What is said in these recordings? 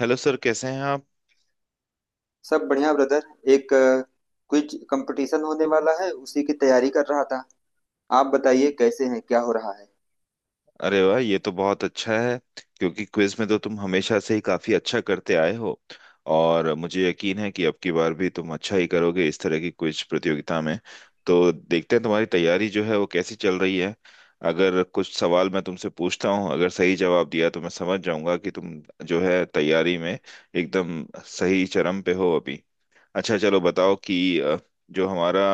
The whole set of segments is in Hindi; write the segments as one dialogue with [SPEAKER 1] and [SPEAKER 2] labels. [SPEAKER 1] हेलो सर, कैसे हैं आप?
[SPEAKER 2] सब बढ़िया ब्रदर। एक क्विज कंपटीशन होने वाला है, उसी की तैयारी कर रहा था। आप बताइए कैसे हैं, क्या हो रहा है।
[SPEAKER 1] अरे वाह, ये तो बहुत अच्छा है। क्योंकि क्विज में तो तुम हमेशा से ही काफी अच्छा करते आए हो, और मुझे यकीन है कि अब की बार भी तुम अच्छा ही करोगे इस तरह की क्विज प्रतियोगिता में। तो देखते हैं तुम्हारी तैयारी जो है वो कैसी चल रही है। अगर कुछ सवाल मैं तुमसे पूछता हूँ, अगर सही जवाब दिया तो मैं समझ जाऊंगा कि तुम जो है तैयारी में एकदम सही चरम पे हो अभी। अच्छा, चलो बताओ कि जो हमारा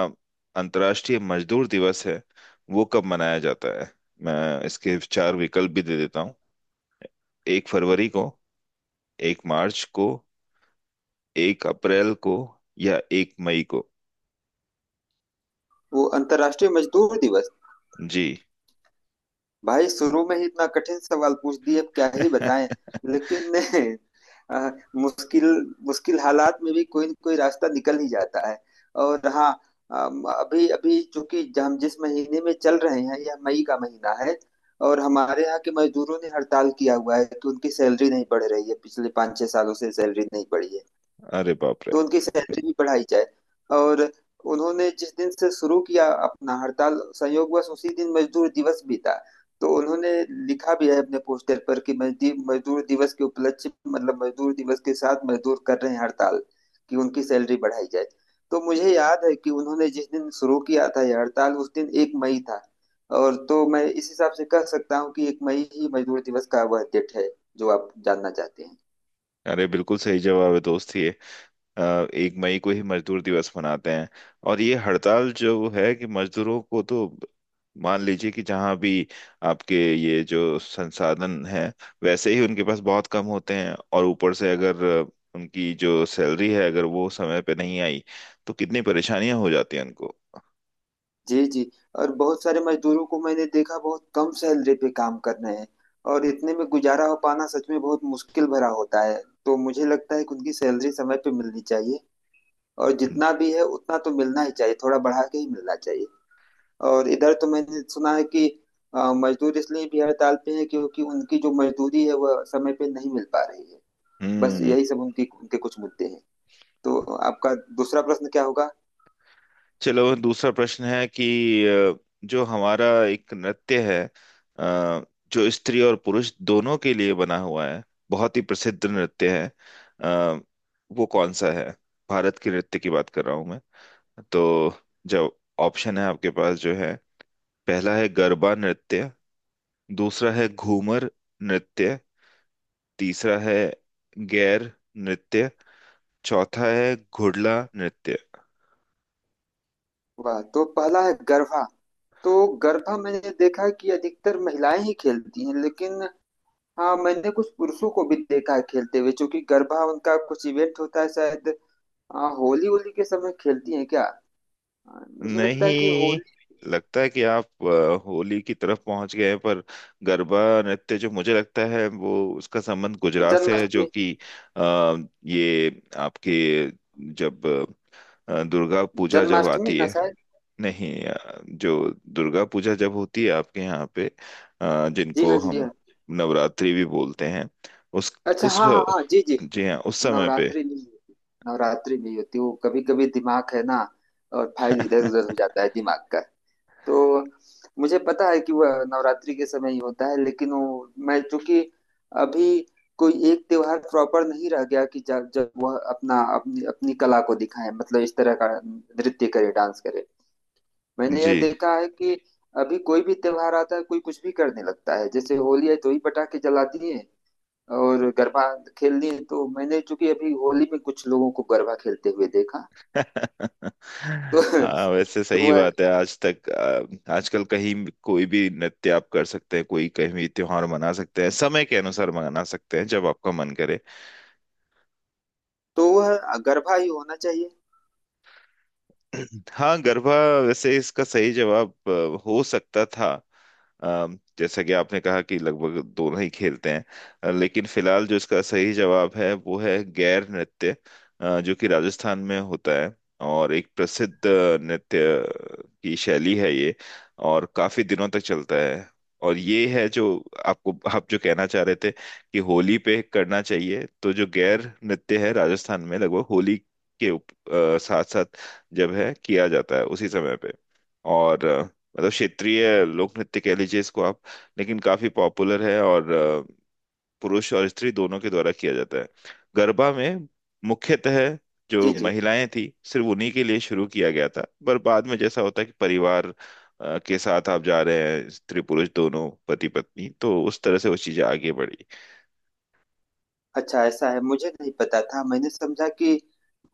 [SPEAKER 1] अंतर्राष्ट्रीय मजदूर दिवस है, वो कब मनाया जाता है? मैं इसके चार विकल्प भी दे देता हूँ। 1 फरवरी को, 1 मार्च को, 1 अप्रैल को, या 1 मई को।
[SPEAKER 2] वो अंतर्राष्ट्रीय मजदूर दिवस?
[SPEAKER 1] जी।
[SPEAKER 2] भाई शुरू में ही इतना कठिन सवाल पूछ दिए, अब क्या ही बताएं। लेकिन अ, मुश्किल मुश्किल हालात में भी कोई न कोई रास्ता निकल ही जाता है। और हाँ, अभी अभी चूंकि हम जिस महीने में चल रहे हैं यह मई का महीना है। और हमारे यहाँ के मजदूरों ने हड़ताल किया हुआ है कि उनकी सैलरी नहीं बढ़ रही है, पिछले पाँच छह सालों से सैलरी नहीं बढ़ी है।
[SPEAKER 1] अरे बाप रे!
[SPEAKER 2] तो उनकी सैलरी भी बढ़ाई जाए। और उन्होंने जिस दिन से शुरू किया अपना हड़ताल, संयोगवश उसी दिन मजदूर दिवस भी था। तो उन्होंने लिखा भी है अपने पोस्टर पर कि मजदूर दिवस के उपलक्ष्य, मतलब मजदूर दिवस के साथ मजदूर कर रहे हैं हड़ताल कि उनकी सैलरी बढ़ाई जाए। तो मुझे याद है कि उन्होंने जिस दिन शुरू किया था यह हड़ताल उस दिन एक मई था। और तो मैं इस हिसाब से कह सकता हूँ कि एक मई ही मजदूर दिवस का वह डेट है जो आप जानना चाहते हैं।
[SPEAKER 1] अरे, बिल्कुल सही जवाब है दोस्त ये। अ, 1 मई को ही मजदूर दिवस मनाते हैं। और ये हड़ताल जो है, कि मजदूरों को तो मान लीजिए कि जहाँ भी आपके ये जो संसाधन हैं वैसे ही उनके पास बहुत कम होते हैं, और ऊपर से अगर उनकी जो सैलरी है अगर वो समय पे नहीं आई तो कितनी परेशानियां हो जाती हैं उनको।
[SPEAKER 2] जी जी। और बहुत सारे मजदूरों को मैंने देखा बहुत कम सैलरी पे काम कर रहे हैं। और इतने में गुजारा हो पाना सच में बहुत मुश्किल भरा होता है। तो मुझे लगता है कि उनकी सैलरी समय पे मिलनी चाहिए। और
[SPEAKER 1] हम्म।
[SPEAKER 2] जितना भी है उतना तो मिलना ही चाहिए, थोड़ा बढ़ा के ही मिलना चाहिए। और इधर तो मैंने सुना है कि मजदूर इसलिए भी हड़ताल पे है क्योंकि उनकी जो मजदूरी है वह समय पे नहीं मिल पा रही है। बस
[SPEAKER 1] हम्म।
[SPEAKER 2] यही सब उनकी उनके कुछ मुद्दे हैं। तो आपका दूसरा प्रश्न क्या होगा?
[SPEAKER 1] चलो, दूसरा प्रश्न है कि अ, जो हमारा एक नृत्य है, अ, जो स्त्री और पुरुष दोनों के लिए बना हुआ है, बहुत ही प्रसिद्ध नृत्य है, अ, वो कौन सा है? भारत के नृत्य की बात कर रहा हूं मैं। तो जो ऑप्शन है आपके पास जो है, पहला है गरबा नृत्य, दूसरा है घूमर नृत्य, तीसरा है गैर नृत्य, चौथा है घुड़ला नृत्य।
[SPEAKER 2] वाह, तो पहला है गरबा। तो गरबा मैंने देखा है कि अधिकतर महिलाएं ही खेलती हैं, लेकिन हाँ मैंने कुछ पुरुषों को भी देखा है खेलते हुए क्योंकि गरबा उनका कुछ इवेंट होता है शायद। हाँ, होली होली के समय खेलती हैं क्या? हाँ, मुझे लगता है कि
[SPEAKER 1] नहीं,
[SPEAKER 2] होली।
[SPEAKER 1] लगता है कि आप होली की तरफ पहुंच गए, पर गरबा नृत्य जो मुझे लगता है वो उसका संबंध गुजरात से है, जो
[SPEAKER 2] जन्माष्टमी।
[SPEAKER 1] कि अ, ये आपके, जब दुर्गा पूजा जब
[SPEAKER 2] जन्माष्टमी
[SPEAKER 1] आती
[SPEAKER 2] ना
[SPEAKER 1] है।
[SPEAKER 2] शायद।
[SPEAKER 1] नहीं, जो दुर्गा पूजा जब होती है आपके यहाँ पे,
[SPEAKER 2] जी
[SPEAKER 1] जिनको
[SPEAKER 2] हाँ जी
[SPEAKER 1] हम
[SPEAKER 2] हाँ।
[SPEAKER 1] नवरात्रि भी बोलते हैं, उस
[SPEAKER 2] अच्छा,
[SPEAKER 1] उस
[SPEAKER 2] हाँ हाँ हाँ, जी जी।
[SPEAKER 1] जी हाँ उस समय पे।
[SPEAKER 2] नवरात्रि नहीं होती। नवरात्रि नहीं होती, वो कभी कभी दिमाग है ना और फाइल इधर उधर हो जाता है दिमाग का। तो मुझे पता है कि वह नवरात्रि के समय ही होता है, लेकिन वो मैं चूंकि अभी कोई एक त्योहार प्रॉपर नहीं रह गया कि जब जब वह अपना अपनी अपनी कला को दिखाए, मतलब इस तरह का नृत्य करे, डांस करे। मैंने यह
[SPEAKER 1] जी।
[SPEAKER 2] देखा है कि अभी कोई भी त्योहार आता है कोई कुछ भी करने लगता है। जैसे होली है तो ही पटाखे जलाती है और गरबा खेलनी है तो मैंने चूंकि अभी होली में कुछ लोगों को गरबा खेलते हुए देखा। तो
[SPEAKER 1] हाँ, वैसे
[SPEAKER 2] तो
[SPEAKER 1] सही
[SPEAKER 2] वह
[SPEAKER 1] बात है आज तक। आजकल कहीं कोई भी नृत्य आप कर सकते हैं, कोई कहीं भी त्योहार मना सकते हैं, समय के अनुसार मना सकते हैं जब आपका मन करे।
[SPEAKER 2] तो वह गरबा ही होना चाहिए।
[SPEAKER 1] हाँ, गरबा। वैसे इसका सही जवाब हो सकता था, जैसा कि आपने कहा कि लगभग दोनों ही खेलते हैं। लेकिन फिलहाल जो इसका सही जवाब है वो है गैर नृत्य, जो कि राजस्थान में होता है, और एक प्रसिद्ध नृत्य की शैली है ये, और काफी दिनों तक चलता है। और ये है जो आपको, आप जो कहना चाह रहे थे कि होली पे करना चाहिए, तो जो गैर नृत्य है राजस्थान में लगभग होली के साथ साथ जब है किया जाता है उसी समय पे। और मतलब क्षेत्रीय लोक नृत्य कह लीजिए इसको आप। लेकिन काफी पॉपुलर है, और पुरुष और स्त्री दोनों के द्वारा किया जाता है। गरबा में मुख्यतः
[SPEAKER 2] जी
[SPEAKER 1] जो
[SPEAKER 2] जी।
[SPEAKER 1] महिलाएं थी सिर्फ उन्हीं के लिए शुरू किया गया था। पर बाद में जैसा होता है कि परिवार के साथ आप जा रहे हैं, स्त्री पुरुष दोनों, पति पत्नी, तो उस तरह से वो चीजें आगे बढ़ी।
[SPEAKER 2] अच्छा ऐसा है, मुझे नहीं पता था। मैंने समझा कि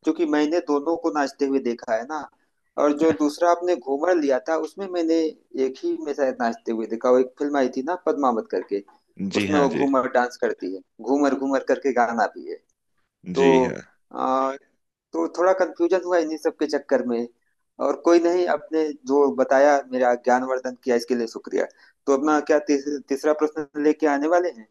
[SPEAKER 2] क्योंकि मैंने दोनों को नाचते हुए देखा है ना। और जो दूसरा आपने घूमर लिया था उसमें मैंने एक ही में शायद नाचते हुए देखा। वो एक फिल्म आई थी ना पद्मावत करके,
[SPEAKER 1] जी
[SPEAKER 2] उसमें
[SPEAKER 1] हाँ।
[SPEAKER 2] वो
[SPEAKER 1] जी।
[SPEAKER 2] घूमर डांस करती है, घूमर घूमर करके गाना भी है। तो
[SPEAKER 1] जी हाँ।
[SPEAKER 2] आ, तो थोड़ा कंफ्यूजन हुआ इन्हीं सब के चक्कर में। और कोई नहीं, आपने जो बताया मेरा ज्ञानवर्धन किया, इसके लिए शुक्रिया। तो अपना क्या तीसरा प्रश्न लेके आने वाले हैं।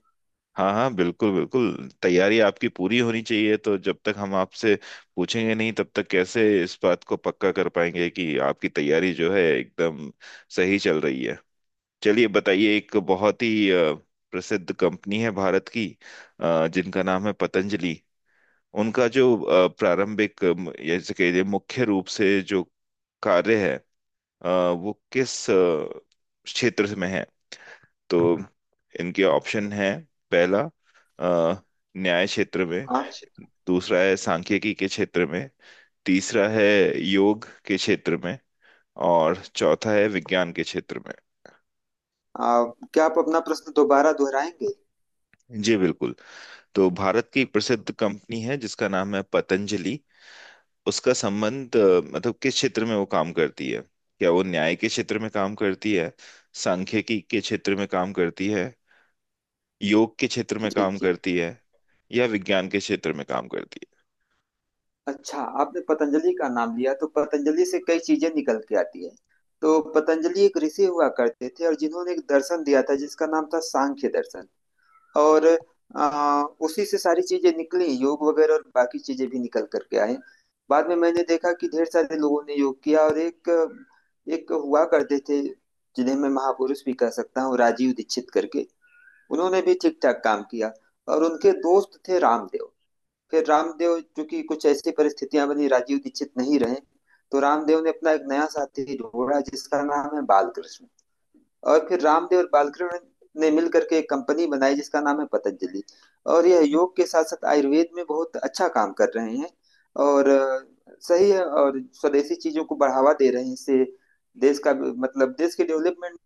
[SPEAKER 1] हाँ हाँ, बिल्कुल बिल्कुल, तैयारी आपकी पूरी होनी चाहिए, तो जब तक हम आपसे पूछेंगे नहीं तब तक कैसे इस बात को पक्का कर पाएंगे कि आपकी तैयारी जो है एकदम सही चल रही है। चलिए बताइए, एक बहुत ही प्रसिद्ध कंपनी है भारत की, जिनका नाम है पतंजलि। उनका जो प्रारंभिक, जैसे कहिए मुख्य रूप से जो कार्य है, वो किस क्षेत्र में है? तो इनके ऑप्शन है, पहला अ, न्याय क्षेत्र में,
[SPEAKER 2] हाँ।
[SPEAKER 1] दूसरा है सांख्यिकी के क्षेत्र में, तीसरा है योग के क्षेत्र में, और चौथा है विज्ञान के क्षेत्र में।
[SPEAKER 2] आ, क्या आप अपना प्रश्न दोबारा दोहराएंगे?
[SPEAKER 1] जी बिल्कुल। तो भारत की एक प्रसिद्ध कंपनी है जिसका नाम है पतंजलि। उसका संबंध मतलब किस क्षेत्र में वो काम करती है? क्या वो न्याय के क्षेत्र में काम करती है, सांख्यिकी के क्षेत्र में काम करती है, योग के क्षेत्र में
[SPEAKER 2] जी
[SPEAKER 1] काम
[SPEAKER 2] जी।
[SPEAKER 1] करती है, या विज्ञान के क्षेत्र में काम करती है?
[SPEAKER 2] अच्छा आपने पतंजलि का नाम लिया, तो पतंजलि से कई चीजें निकल के आती है। तो पतंजलि एक ऋषि हुआ करते थे और जिन्होंने एक दर्शन दिया था जिसका नाम था सांख्य दर्शन। और उसी से सारी चीजें निकली, योग वगैरह और बाकी चीजें भी निकल करके आए। बाद में मैंने देखा कि ढेर सारे लोगों ने योग किया। और एक एक हुआ करते थे जिन्हें मैं महापुरुष भी कह सकता हूँ, राजीव दीक्षित करके। उन्होंने भी ठीक ठाक काम किया और उनके दोस्त थे रामदेव। फिर रामदेव, चूंकि कुछ ऐसी परिस्थितियां बनी राजीव दीक्षित नहीं रहे, तो रामदेव ने अपना एक नया साथी ढूंढा जिसका नाम है बालकृष्ण। और फिर रामदेव और बालकृष्ण ने मिल करके एक कंपनी बनाई जिसका नाम है पतंजलि। और यह योग के साथ साथ आयुर्वेद में बहुत अच्छा काम कर रहे हैं। और सही है, और स्वदेशी चीजों को बढ़ावा दे रहे हैं। इससे देश का, मतलब देश के डेवलपमेंट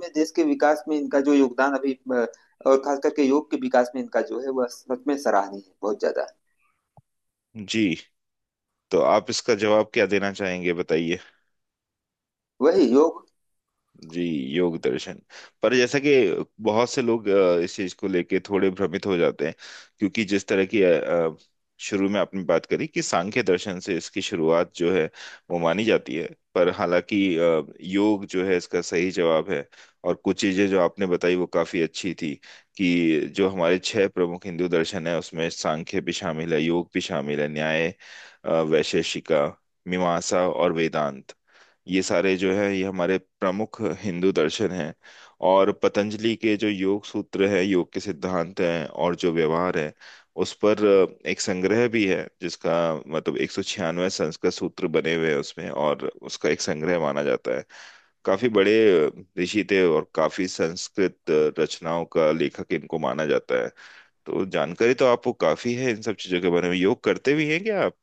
[SPEAKER 2] में, देश के विकास में इनका जो योगदान अभी और खास करके योग के विकास में इनका जो है वह सच में सराहनीय है, बहुत ज्यादा।
[SPEAKER 1] जी। तो आप इसका जवाब क्या देना चाहेंगे, बताइए।
[SPEAKER 2] वही, योग।
[SPEAKER 1] जी, योग दर्शन। पर जैसा कि बहुत से लोग इस चीज को लेके थोड़े भ्रमित हो जाते हैं, क्योंकि जिस तरह की शुरू में आपने बात करी कि सांख्य दर्शन से इसकी शुरुआत जो है वो मानी जाती है। पर हालांकि योग जो है इसका सही जवाब है। और कुछ चीजें जो आपने बताई वो काफी अच्छी थी, कि जो हमारे छह प्रमुख हिंदू दर्शन है उसमें सांख्य भी शामिल है, योग भी शामिल है, न्याय, वैशेषिका, मीमांसा और वेदांत। ये सारे जो है ये हमारे प्रमुख हिंदू दर्शन हैं। और पतंजलि के जो योग सूत्र हैं, योग के सिद्धांत हैं और जो व्यवहार है, उस पर एक संग्रह भी है, जिसका मतलब 196 संस्कृत सूत्र बने हुए हैं उसमें, और उसका एक संग्रह माना जाता है। काफी बड़े अ, ऋषि थे, और काफी संस्कृत रचनाओं का लेखक इनको माना जाता है। तो जानकारी तो आपको काफी है इन सब चीजों के बारे में। योग करते भी हैं क्या आप?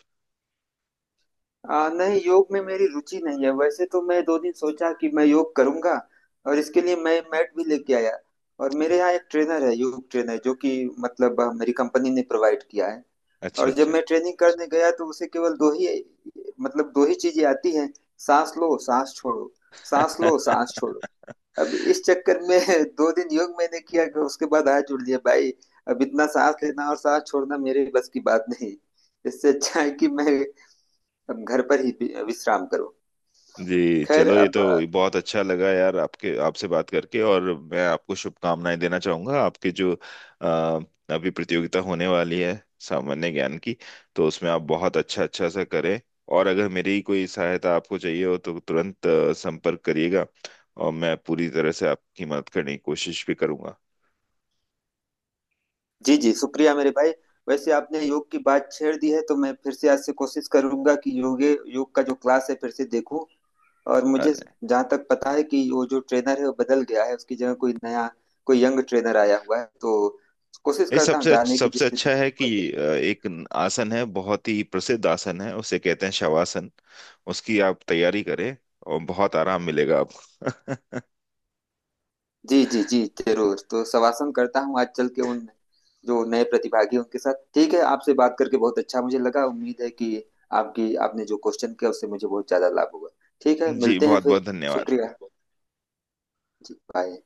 [SPEAKER 2] नहीं, योग में मेरी रुचि नहीं है। वैसे तो मैं दो दिन सोचा कि मैं योग करूंगा और इसके लिए मैं मैट भी लेके आया। और मेरे यहाँ एक ट्रेनर है, योग ट्रेनर, जो कि मतलब मेरी कंपनी ने प्रोवाइड किया है।
[SPEAKER 1] अच्छा
[SPEAKER 2] और जब
[SPEAKER 1] अच्छा।
[SPEAKER 2] मैं ट्रेनिंग करने गया तो उसे केवल दो ही, मतलब दो ही चीजें आती हैं। सांस लो सांस छोड़ो, सांस लो सांस छोड़ो। अब इस चक्कर में दो दिन योग मैंने किया, उसके बाद हाथ जोड़ लिया भाई। अब इतना सांस लेना और सांस छोड़ना मेरे बस की बात नहीं। इससे अच्छा है कि मैं अब घर पर ही विश्राम करूं।
[SPEAKER 1] जी,
[SPEAKER 2] खैर
[SPEAKER 1] चलो ये तो
[SPEAKER 2] अब।
[SPEAKER 1] बहुत अच्छा लगा यार, आपके आपसे बात करके। और मैं आपको शुभकामनाएं देना चाहूंगा, आपके जो अ, अभी प्रतियोगिता होने वाली है सामान्य ज्ञान की, तो उसमें आप बहुत अच्छा अच्छा सा करें। और अगर मेरी कोई सहायता आपको चाहिए हो तो तुरंत संपर्क करिएगा, और मैं पूरी तरह से आपकी मदद करने की कोशिश भी करूंगा।
[SPEAKER 2] जी जी, शुक्रिया मेरे भाई। वैसे आपने योग की बात छेड़ दी है, तो मैं फिर से आज से कोशिश करूंगा कि योग का जो क्लास है फिर से देखूं। और मुझे जहां तक पता है कि वो जो ट्रेनर है वो बदल गया है, उसकी जगह कोई नया, कोई यंग ट्रेनर आया हुआ है। तो कोशिश
[SPEAKER 1] ये
[SPEAKER 2] करता हूँ
[SPEAKER 1] सबसे
[SPEAKER 2] जाने की
[SPEAKER 1] सबसे
[SPEAKER 2] जिससे।
[SPEAKER 1] अच्छा है कि एक आसन है, बहुत ही प्रसिद्ध आसन है, उसे कहते हैं शवासन। उसकी आप तैयारी करें, और बहुत आराम मिलेगा आपको।
[SPEAKER 2] जी जी जी, जरूर। तो शवासन करता हूँ आज चल के उन जो नए प्रतिभागी हैं उनके साथ। ठीक है, आपसे बात करके बहुत अच्छा मुझे लगा। उम्मीद है कि आपकी आपने जो क्वेश्चन किया उससे मुझे बहुत ज्यादा लाभ हुआ। ठीक है,
[SPEAKER 1] जी,
[SPEAKER 2] मिलते हैं
[SPEAKER 1] बहुत
[SPEAKER 2] फिर।
[SPEAKER 1] बहुत धन्यवाद।
[SPEAKER 2] शुक्रिया। जी बाय।